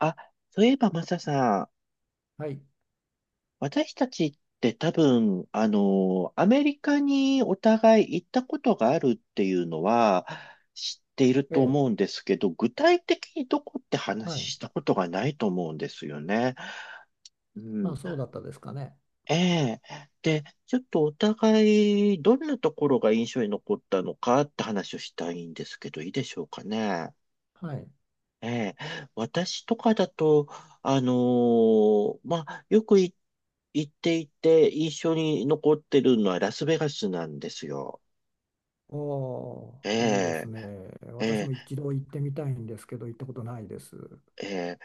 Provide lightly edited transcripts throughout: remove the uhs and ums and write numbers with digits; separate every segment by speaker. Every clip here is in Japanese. Speaker 1: あ、そういえばマサさん、
Speaker 2: はい。
Speaker 1: 私たちって多分、アメリカにお互い行ったことがあるっていうのは知っている
Speaker 2: え
Speaker 1: と
Speaker 2: え。
Speaker 1: 思うんですけど、具体的にどこって話
Speaker 2: はい。
Speaker 1: したことがないと思うんですよね。う
Speaker 2: まあ、
Speaker 1: ん。
Speaker 2: そうだったですかね。
Speaker 1: ええ。で、ちょっとお互いどんなところが印象に残ったのかって話をしたいんですけど、いいでしょうかね。
Speaker 2: はい。
Speaker 1: ええ、私とかだと、まあ、よくい行っていて印象に残ってるのはラスベガスなんですよ。
Speaker 2: おお、
Speaker 1: え
Speaker 2: いいです
Speaker 1: え、
Speaker 2: ね。
Speaker 1: え
Speaker 2: 私
Speaker 1: え、
Speaker 2: も一度行ってみたいんですけど、行ったことないです。
Speaker 1: え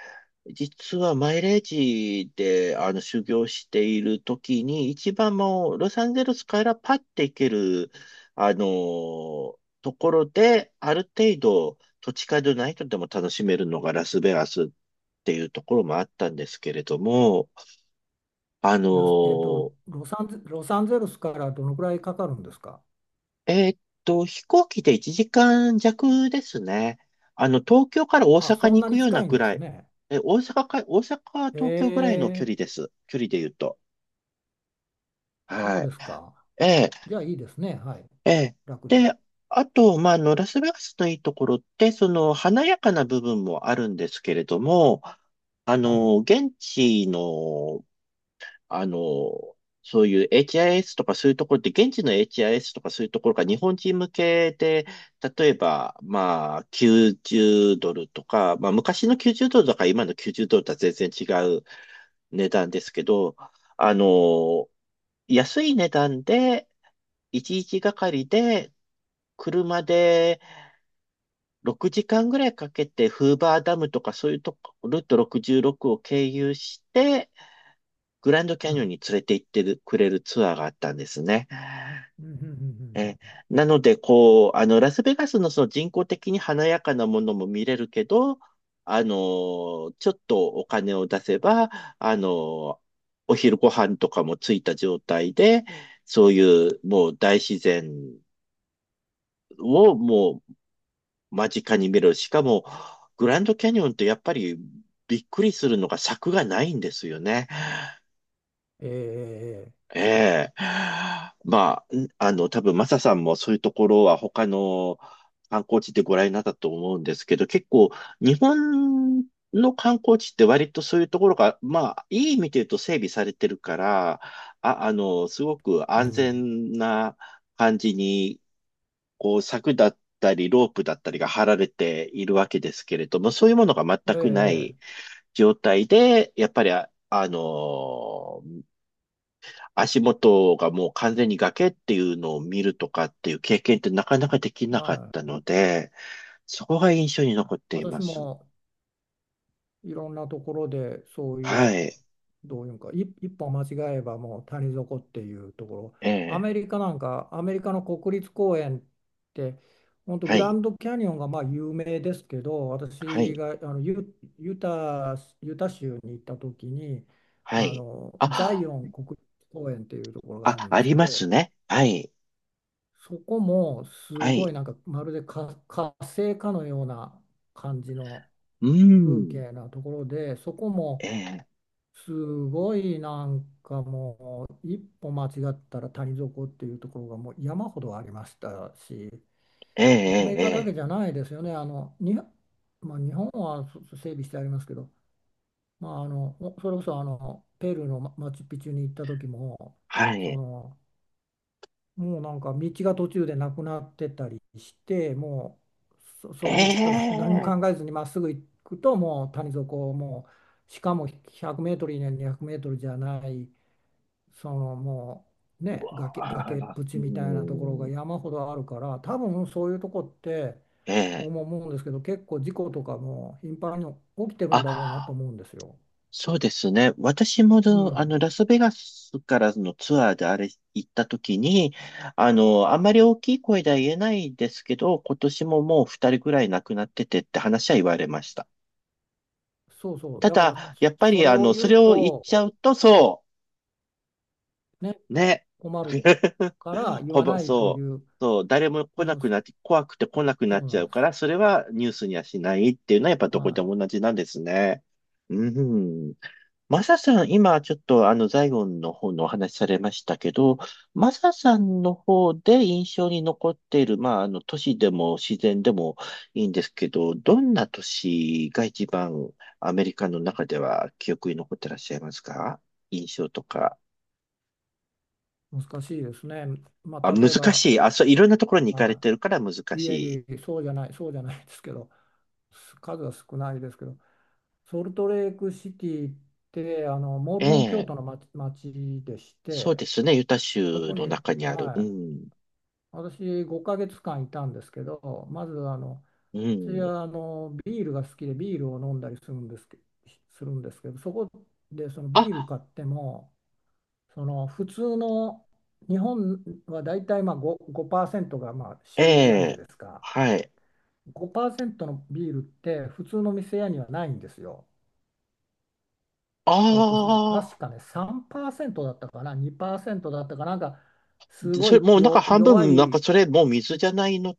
Speaker 1: え、実はマイレージで修行している時に、一番もうロサンゼルスからパッて行ける、ところで、ある程度土地勘でないとでも楽しめるのがラスベガスっていうところもあったんですけれども、あの
Speaker 2: ラス、えっと、
Speaker 1: ー
Speaker 2: ロサンゼ、ロサンゼルスからどのくらいかかるんですか？
Speaker 1: 飛行機で1時間弱ですね。東京から大
Speaker 2: あ、
Speaker 1: 阪
Speaker 2: そん
Speaker 1: に
Speaker 2: な
Speaker 1: 行く
Speaker 2: に
Speaker 1: よう
Speaker 2: 近
Speaker 1: な
Speaker 2: いん
Speaker 1: ぐ
Speaker 2: で
Speaker 1: ら
Speaker 2: す
Speaker 1: い。
Speaker 2: ね。
Speaker 1: 大阪、
Speaker 2: え
Speaker 1: 東京ぐらいの距
Speaker 2: え、
Speaker 1: 離です。距離で言うと。
Speaker 2: そう
Speaker 1: はい。
Speaker 2: ですか。
Speaker 1: ええ、
Speaker 2: じゃあいいですね。はい。
Speaker 1: ええ。
Speaker 2: 楽で。
Speaker 1: で、あと、まあ、ラスベガスのいいところって、その、華やかな部分もあるんですけれども、
Speaker 2: はい。
Speaker 1: 現地のあの、そういう HIS とかそういうところって、現地の HIS とかそういうところが日本人向けで、例えば、まあ、90ドルとか、まあ、昔の90ドルとか今の90ドルとは全然違う値段ですけど、あの、安い値段で、1日がかりで、車で6時間ぐらいかけて、フーバーダムとかそういうとこ、ルート66を経由して、グランドキ
Speaker 2: う
Speaker 1: ャニオン
Speaker 2: ん。
Speaker 1: に連れて行ってるくれるツアーがあったんですね。
Speaker 2: うんうんうんうんうん。
Speaker 1: え、なので、こう、ラスベガスのその人工的に華やかなものも見れるけど、ちょっとお金を出せば、あの、お昼ご飯とかもついた状態で、そういうもう大自然をもう間近に見れる。しかも、グランドキャニオンってやっぱりびっくりするのが柵がないんですよね。
Speaker 2: ええ、ええ、
Speaker 1: ええ。まあ、多分マサさんもそういうところは他の観光地でご覧になったと思うんですけど、結構日本の観光地って割とそういうところが、まあ、いい意味で言うと整備されてるから、すごく
Speaker 2: う
Speaker 1: 安
Speaker 2: ん。
Speaker 1: 全な感じに、こう、柵だったり、ロープだったりが張られているわけですけれども、そういうものが全くな
Speaker 2: ええ、
Speaker 1: い状態で、やっぱり足元がもう完全に崖っていうのを見るとかっていう経験ってなかなかできなかっ
Speaker 2: は
Speaker 1: た
Speaker 2: い。
Speaker 1: ので、そこが印象に残っていま
Speaker 2: 私
Speaker 1: す。
Speaker 2: もいろんなところでそうい
Speaker 1: は
Speaker 2: う、
Speaker 1: い。
Speaker 2: どういうんか、一歩間違えばもう谷底っていうところ、
Speaker 1: ええ。
Speaker 2: アメリカの国立公園って、本当グ
Speaker 1: は
Speaker 2: ラ
Speaker 1: い。
Speaker 2: ンドキャニオンがまあ有名ですけど、
Speaker 1: は
Speaker 2: 私
Speaker 1: い。
Speaker 2: がユタ州に行った時に、
Speaker 1: は
Speaker 2: あ
Speaker 1: い。
Speaker 2: のザイ
Speaker 1: あ、
Speaker 2: オン国立公園っていうところがある
Speaker 1: あ、
Speaker 2: んで
Speaker 1: あ
Speaker 2: す
Speaker 1: り
Speaker 2: け
Speaker 1: ま
Speaker 2: ど、
Speaker 1: すね。はい。
Speaker 2: そこもす
Speaker 1: は
Speaker 2: ごい、
Speaker 1: い。
Speaker 2: なんかまるで火星かのような感じの
Speaker 1: う
Speaker 2: 風
Speaker 1: ん。
Speaker 2: 景なところで、そこも
Speaker 1: ええ。
Speaker 2: すごい、なんかもう一歩間違ったら谷底っていうところがもう山ほどありましたし、
Speaker 1: ええ。
Speaker 2: アメ
Speaker 1: え
Speaker 2: リ
Speaker 1: え。
Speaker 2: カだけ
Speaker 1: え
Speaker 2: じゃ
Speaker 1: え、
Speaker 2: ないですよね。あのに、まあ、日本は整備してありますけど、まあ、あのほそれこそあのペルーのマチュピチュに行った時も、
Speaker 1: は
Speaker 2: そ
Speaker 1: い。
Speaker 2: の、もうなんか道が途中でなくなってたりしても、
Speaker 1: え
Speaker 2: その道を 何も考え
Speaker 1: え。
Speaker 2: ずにまっすぐ行くともう谷底、しかも100メートル以内に200メートルじゃない。その、もうね、
Speaker 1: あ
Speaker 2: 崖っ
Speaker 1: ら、
Speaker 2: ぷち
Speaker 1: う
Speaker 2: みたいなところが
Speaker 1: ん。
Speaker 2: 山ほどあるから、多分そういうとこって、
Speaker 1: ええ。
Speaker 2: 僕も思うんですけど結構事故とかも頻繁に起きてるんだろうなと
Speaker 1: あ、
Speaker 2: 思うんですよ。
Speaker 1: そうですね。私も
Speaker 2: う
Speaker 1: ど、あの、
Speaker 2: ん、
Speaker 1: ラスベガスからのツアーであれ行った時に、あんまり大きい声では言えないですけど、今年ももう2人ぐらい亡くなっててって話は言われました。
Speaker 2: そうそう。
Speaker 1: た
Speaker 2: だから、
Speaker 1: だ、やっぱ
Speaker 2: そ
Speaker 1: り、
Speaker 2: れを言
Speaker 1: そ
Speaker 2: う
Speaker 1: れを言っち
Speaker 2: と
Speaker 1: ゃうと、そ
Speaker 2: ね、
Speaker 1: う、ね。
Speaker 2: 困る から言
Speaker 1: ほ
Speaker 2: わ
Speaker 1: ぼ、
Speaker 2: ないとい
Speaker 1: そう、
Speaker 2: う。
Speaker 1: そう、誰も
Speaker 2: う
Speaker 1: 来な
Speaker 2: ん、
Speaker 1: く
Speaker 2: そ
Speaker 1: なって、怖くて来なくな
Speaker 2: そ
Speaker 1: っ
Speaker 2: う
Speaker 1: ち
Speaker 2: な
Speaker 1: ゃ
Speaker 2: ん
Speaker 1: う
Speaker 2: で
Speaker 1: か
Speaker 2: す。
Speaker 1: ら、それはニュースにはしないっていうのはやっぱどこで
Speaker 2: は
Speaker 1: も同じなんですね。うん。マサさん、今ちょっとザイオンの方のお話しされましたけど、マサさんの方で印象に残っている、まあ、都市でも自然でもいいんですけど、どんな都市が一番アメリカの中では記憶に残ってらっしゃいますか、印象とか。
Speaker 2: い。難しいですね。ま
Speaker 1: あ、
Speaker 2: あ、
Speaker 1: 難
Speaker 2: 例えば、
Speaker 1: しい。あ、そう、いろんなところに行かれ
Speaker 2: は
Speaker 1: てるから難
Speaker 2: い、い
Speaker 1: し
Speaker 2: え
Speaker 1: い。
Speaker 2: いえ、そうじゃないそうじゃないですけど、数は少ないですけど。ソルトレークシティって、あのモル
Speaker 1: え
Speaker 2: モン教
Speaker 1: え、
Speaker 2: 徒の町でし
Speaker 1: そう
Speaker 2: て、
Speaker 1: ですね。ユタ
Speaker 2: そ
Speaker 1: 州
Speaker 2: こ
Speaker 1: の
Speaker 2: に、
Speaker 1: 中にある。
Speaker 2: は
Speaker 1: う
Speaker 2: い、
Speaker 1: ん。
Speaker 2: 私5ヶ月間いたんですけど、まず
Speaker 1: う
Speaker 2: 私
Speaker 1: ん。
Speaker 2: はビールが好きで、ビールを飲んだりするんですけど、そこでそのビール
Speaker 1: あ、
Speaker 2: 買っても、その、普通の日本はだいたいまあ5、ごパーセントがまあ
Speaker 1: え
Speaker 2: 主流じゃない
Speaker 1: え、
Speaker 2: ですか。
Speaker 1: はい。
Speaker 2: 5%のビールって普通の店屋にはないんですよ。
Speaker 1: あ
Speaker 2: 確
Speaker 1: あ。
Speaker 2: かね、3%だったかな、2%だったかな、なんか、す
Speaker 1: で
Speaker 2: ご
Speaker 1: それ、
Speaker 2: い
Speaker 1: もうなんか
Speaker 2: よ
Speaker 1: 半
Speaker 2: 弱
Speaker 1: 分、なんか
Speaker 2: い、
Speaker 1: それ、もう水じゃないの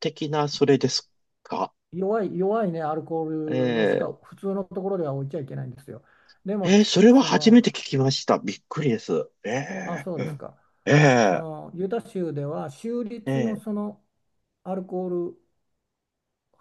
Speaker 1: 的な、それですか。
Speaker 2: 弱い、弱いね、アルコールのしか、
Speaker 1: え
Speaker 2: 普通のところでは置いちゃいけないんですよ。で
Speaker 1: ー、
Speaker 2: も、
Speaker 1: えー、それは
Speaker 2: そ
Speaker 1: 初め
Speaker 2: の、
Speaker 1: て聞きました。びっくりです。
Speaker 2: あ、
Speaker 1: え
Speaker 2: そう
Speaker 1: ー、
Speaker 2: で
Speaker 1: う
Speaker 2: す
Speaker 1: ん、
Speaker 2: か。そ
Speaker 1: え
Speaker 2: の、ユタ州では、州
Speaker 1: ー、え
Speaker 2: 立のそ
Speaker 1: ー、
Speaker 2: の、アルコール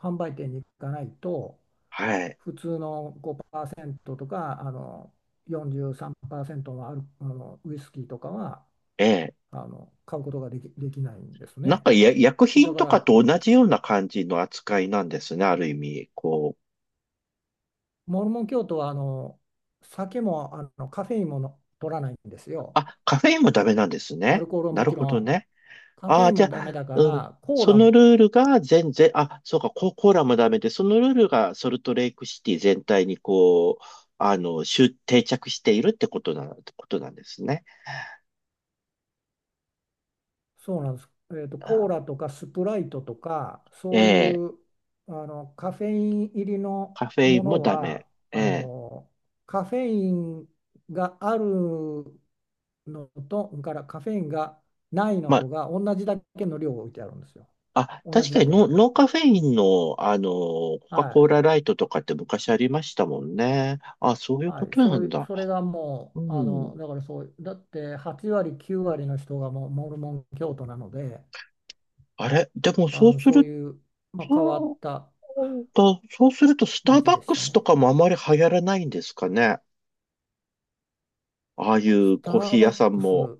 Speaker 2: 販売店に行かないと、
Speaker 1: はい。
Speaker 2: 普通の5%とか、あの、43%のあの、ウイスキーとかは、
Speaker 1: え
Speaker 2: あの、買うことができないんです
Speaker 1: ー、なん
Speaker 2: ね。
Speaker 1: かや、薬
Speaker 2: だ
Speaker 1: 品
Speaker 2: か
Speaker 1: とか
Speaker 2: ら、
Speaker 1: と同じような感じの扱いなんですね、ある意味。こう。
Speaker 2: モルモン教徒はあの酒も、あのカフェインもの取らないんですよ。
Speaker 1: あ、カフェインもダメなんです
Speaker 2: アル
Speaker 1: ね。
Speaker 2: コールは
Speaker 1: な
Speaker 2: も
Speaker 1: る
Speaker 2: ち
Speaker 1: ほ
Speaker 2: ろ
Speaker 1: ど
Speaker 2: ん。
Speaker 1: ね。
Speaker 2: カフ
Speaker 1: あ
Speaker 2: ェイ
Speaker 1: あ、
Speaker 2: ン
Speaker 1: じ
Speaker 2: も
Speaker 1: ゃ
Speaker 2: ダメ
Speaker 1: あ、
Speaker 2: だか
Speaker 1: うん。
Speaker 2: ら、コー
Speaker 1: その
Speaker 2: ラ、
Speaker 1: ルールが全然、あ、そうか、コーラもダメで、そのルールがソルトレイクシティ全体にこう、集定着しているってことなんですね。
Speaker 2: そうなんです。えーと、コーラ
Speaker 1: あ、
Speaker 2: とかスプライトとか、
Speaker 1: え
Speaker 2: そうい
Speaker 1: え、
Speaker 2: うあのカフェイン入りの
Speaker 1: カフェイ
Speaker 2: も
Speaker 1: ンも
Speaker 2: の
Speaker 1: ダメ。
Speaker 2: は、
Speaker 1: え
Speaker 2: あ
Speaker 1: え、
Speaker 2: のカフェインがあるのと、カフェインがないの
Speaker 1: ま
Speaker 2: と
Speaker 1: あ、
Speaker 2: が同じだけの量を置いてあるんですよ。
Speaker 1: あ、
Speaker 2: 同
Speaker 1: 確
Speaker 2: じ
Speaker 1: か
Speaker 2: だ
Speaker 1: に
Speaker 2: けの量。
Speaker 1: ノーカフェインの、コカ・
Speaker 2: は
Speaker 1: コー
Speaker 2: い。
Speaker 1: ラライトとかって昔ありましたもんね。あ、そういう
Speaker 2: は
Speaker 1: こ
Speaker 2: い、
Speaker 1: とな
Speaker 2: そうい
Speaker 1: ん
Speaker 2: う、
Speaker 1: だ。
Speaker 2: それがも
Speaker 1: う
Speaker 2: う、あ
Speaker 1: ん。
Speaker 2: の、だからそう、だって8割、9割の人がもうモルモン教徒なので、
Speaker 1: あれ、でも
Speaker 2: あ
Speaker 1: そう
Speaker 2: の、
Speaker 1: す
Speaker 2: そう
Speaker 1: ると、
Speaker 2: いう、まあ、変わった
Speaker 1: うん、だそうすると、スター
Speaker 2: 街
Speaker 1: バッ
Speaker 2: でし
Speaker 1: ク
Speaker 2: た
Speaker 1: スと
Speaker 2: ね。
Speaker 1: かもあまり流行らないんですかね。ああい
Speaker 2: ス
Speaker 1: う
Speaker 2: タ
Speaker 1: コーヒ
Speaker 2: ー
Speaker 1: ー屋
Speaker 2: バッ
Speaker 1: さん
Speaker 2: クス、
Speaker 1: も、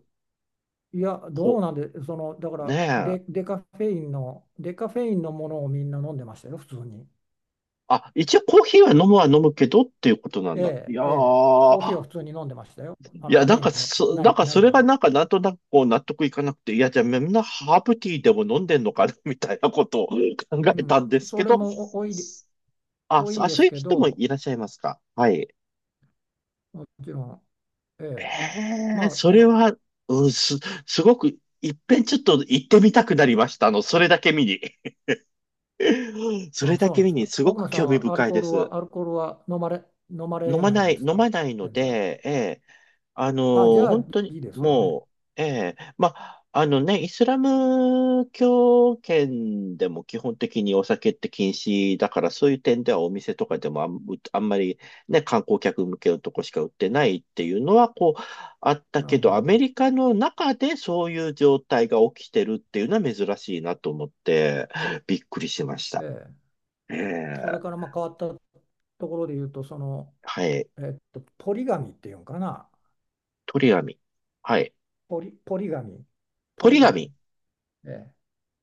Speaker 2: いや、ど
Speaker 1: こ、
Speaker 2: うなんで、その、だか
Speaker 1: ね
Speaker 2: ら
Speaker 1: え。
Speaker 2: デカフェインの、デカフェインのものをみんな飲んでましたよ、普通に。
Speaker 1: あ、一応コーヒーは飲むは飲むけどっていうことなん
Speaker 2: え
Speaker 1: だ。い
Speaker 2: え、
Speaker 1: や
Speaker 2: ええ、コーヒーは
Speaker 1: ー、
Speaker 2: 普通に飲んでましたよ。あ
Speaker 1: い
Speaker 2: の、
Speaker 1: や、
Speaker 2: カフェインのな
Speaker 1: なん
Speaker 2: い、
Speaker 1: か
Speaker 2: な
Speaker 1: そ
Speaker 2: い
Speaker 1: れ
Speaker 2: も
Speaker 1: が
Speaker 2: の。
Speaker 1: なんかなんとなくこう納得いかなくて、いや、じゃあみんなハーブティーでも飲んでんのかな みたいなことを考
Speaker 2: う
Speaker 1: えた
Speaker 2: ん、
Speaker 1: んですけ
Speaker 2: それ
Speaker 1: ど、
Speaker 2: も多い、
Speaker 1: あ、
Speaker 2: 多いで
Speaker 1: そう
Speaker 2: す
Speaker 1: いう
Speaker 2: け
Speaker 1: 人も
Speaker 2: ど、
Speaker 1: いらっしゃいますか。はい。
Speaker 2: もちろん、ええ。
Speaker 1: ええ、
Speaker 2: まあ、
Speaker 1: そ
Speaker 2: あ
Speaker 1: れ
Speaker 2: の、
Speaker 1: は、うん、すごく、いっぺんちょっと行ってみたくなりました。それだけ見に。それだ
Speaker 2: そう
Speaker 1: け
Speaker 2: なんで
Speaker 1: 見
Speaker 2: す
Speaker 1: に、
Speaker 2: よ。
Speaker 1: すご
Speaker 2: 奥野
Speaker 1: く
Speaker 2: さん
Speaker 1: 興味
Speaker 2: はアル
Speaker 1: 深い
Speaker 2: コ
Speaker 1: で
Speaker 2: ール
Speaker 1: す。
Speaker 2: は、飲ま
Speaker 1: 飲
Speaker 2: れ
Speaker 1: ま
Speaker 2: ないん
Speaker 1: な
Speaker 2: で
Speaker 1: い、
Speaker 2: す
Speaker 1: 飲ま
Speaker 2: か？
Speaker 1: ないの
Speaker 2: 全然。
Speaker 1: で、えあの
Speaker 2: あ、じ
Speaker 1: ー
Speaker 2: ゃあ
Speaker 1: 本当に、
Speaker 2: いいですわね。
Speaker 1: もう、ええ、まあ、あのね、イスラム教圏でも基本的にお酒って禁止だから、そういう点ではお店とかでもあんまりね、観光客向けのとこしか売ってないっていうのは、こう、あった
Speaker 2: な
Speaker 1: け
Speaker 2: るほ
Speaker 1: ど、アメ
Speaker 2: ど。
Speaker 1: リカの中でそういう状態が起きてるっていうのは珍しいなと思って、びっくりしまし
Speaker 2: え
Speaker 1: た。
Speaker 2: え。
Speaker 1: ええ、
Speaker 2: それからまあ変わったところで言うと、その、
Speaker 1: はい。
Speaker 2: えっと、ポリガミっていうんかな。
Speaker 1: 鳥紙。はい。
Speaker 2: ポリガミ。
Speaker 1: ポ
Speaker 2: ポ
Speaker 1: リ
Speaker 2: リガミ。
Speaker 1: 紙。
Speaker 2: ええ。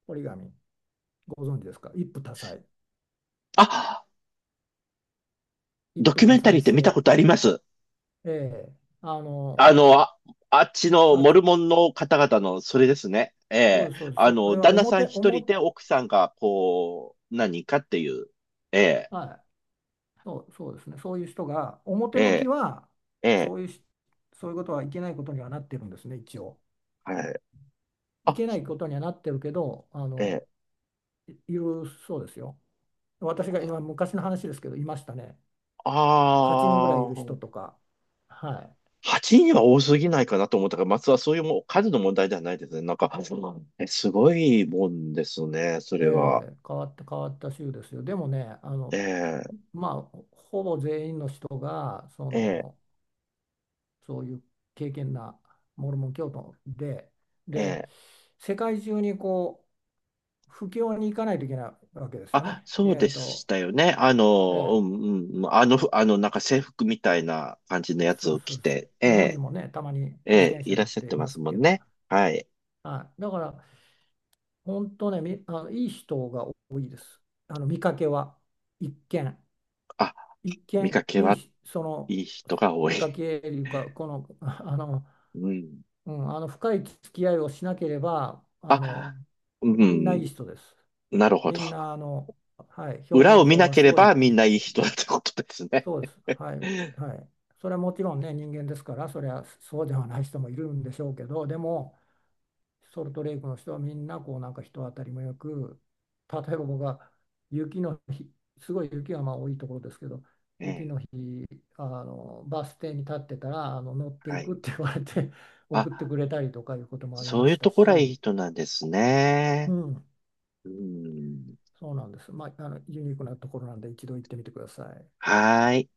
Speaker 2: ポリガミ。ご存知ですか、一夫多妻。
Speaker 1: あ、
Speaker 2: 一
Speaker 1: ド
Speaker 2: 夫
Speaker 1: キュ
Speaker 2: 多
Speaker 1: メンタリ
Speaker 2: 妻
Speaker 1: ーって見たこ
Speaker 2: 制。
Speaker 1: とあります。
Speaker 2: ええ。あの、
Speaker 1: あ、あっちの
Speaker 2: は、
Speaker 1: モルモンの方々のそれですね。え
Speaker 2: そう
Speaker 1: え。
Speaker 2: です、そうです。それは
Speaker 1: 旦那さん一人
Speaker 2: 表、
Speaker 1: で奥さんが、こう、何かっていう。ええ、
Speaker 2: はい、そうですね。そういう人が、
Speaker 1: え
Speaker 2: 表向き
Speaker 1: え、
Speaker 2: は、
Speaker 1: え
Speaker 2: そ
Speaker 1: え、
Speaker 2: ういうし、そういうことはいけないことにはなってるんですね、一応。
Speaker 1: はい。
Speaker 2: い
Speaker 1: あ、
Speaker 2: けないことにはなってるけど、あ
Speaker 1: え
Speaker 2: の、
Speaker 1: え、
Speaker 2: いるそうですよ。私が今、昔の話ですけど、いましたね。8人ぐらいい
Speaker 1: あ
Speaker 2: る人
Speaker 1: あ、
Speaker 2: とか。は
Speaker 1: 8人は多すぎないかなと思ったから、松はそういうもう数の問題ではないですね。なんか、すごいもんですね、そ
Speaker 2: い、え
Speaker 1: れは。
Speaker 2: え、変わった、変わった州ですよ。でもね、あ
Speaker 1: え
Speaker 2: の、
Speaker 1: え、
Speaker 2: まあ、ほぼ全員の人が、そ
Speaker 1: ええ、
Speaker 2: の、そういう敬虔なモルモン教徒で、
Speaker 1: え
Speaker 2: で、
Speaker 1: え。
Speaker 2: 世界中に布教に行かないといけないわけですよ
Speaker 1: あ、
Speaker 2: ね。
Speaker 1: そう
Speaker 2: え
Speaker 1: で
Speaker 2: っ
Speaker 1: し
Speaker 2: と、
Speaker 1: たよね。
Speaker 2: え
Speaker 1: う
Speaker 2: え、
Speaker 1: ん、うん、あの、ふあの、なんか制服みたいな感じのやつ
Speaker 2: そう
Speaker 1: を
Speaker 2: そ
Speaker 1: 着
Speaker 2: うそう、
Speaker 1: て、え
Speaker 2: 日本に
Speaker 1: え、
Speaker 2: もね、たまに
Speaker 1: え
Speaker 2: 自
Speaker 1: え、
Speaker 2: 転
Speaker 1: い
Speaker 2: 車
Speaker 1: ら
Speaker 2: 乗
Speaker 1: っ
Speaker 2: っ
Speaker 1: しゃっ
Speaker 2: て
Speaker 1: て
Speaker 2: い
Speaker 1: ま
Speaker 2: ま
Speaker 1: す
Speaker 2: す
Speaker 1: も
Speaker 2: け
Speaker 1: ん
Speaker 2: ど、
Speaker 1: ね。はい。
Speaker 2: はい、だから、本当ね、あの、いい人が多いです。あの見かけは、一見、
Speaker 1: あ、
Speaker 2: 一
Speaker 1: 見
Speaker 2: 見、
Speaker 1: かけ
Speaker 2: いい
Speaker 1: は
Speaker 2: し、その、
Speaker 1: いい人が多い。
Speaker 2: 見かけというか、この、あの、
Speaker 1: うん。
Speaker 2: うん、あの深い付き合いをしなければ、あの、
Speaker 1: あ、う
Speaker 2: みんない
Speaker 1: ん、
Speaker 2: い人です。
Speaker 1: なるほ
Speaker 2: み
Speaker 1: ど。
Speaker 2: んな、あの、はい、表
Speaker 1: 裏
Speaker 2: 面
Speaker 1: を見
Speaker 2: 上
Speaker 1: な
Speaker 2: は
Speaker 1: け
Speaker 2: す
Speaker 1: れ
Speaker 2: ごい
Speaker 1: ばみ
Speaker 2: い
Speaker 1: ん
Speaker 2: い。
Speaker 1: ないい人だってことですね。
Speaker 2: そうです。は い。
Speaker 1: え
Speaker 2: はい。それはもちろんね、人間ですから、それはそうではない人もいるんでしょうけど、でも、ソルトレイクの人はみんな、こう、なんか人当たりもよく、例えば僕が雪の日、すごい雪がまあ多いところですけど、雪
Speaker 1: え、
Speaker 2: の日、あの、バス停に立ってたら、あの、乗って
Speaker 1: は
Speaker 2: いくっ
Speaker 1: い。
Speaker 2: て言われて
Speaker 1: あ、
Speaker 2: 送ってくれたりとかいうこともあり
Speaker 1: そ
Speaker 2: ま
Speaker 1: ういう
Speaker 2: した
Speaker 1: ところはいい
Speaker 2: し、
Speaker 1: 人なんです
Speaker 2: う
Speaker 1: ね。
Speaker 2: ん、
Speaker 1: うん。
Speaker 2: そうなんです。まあ、あの、ユニークなところなんで、一度行ってみてください。
Speaker 1: はーい。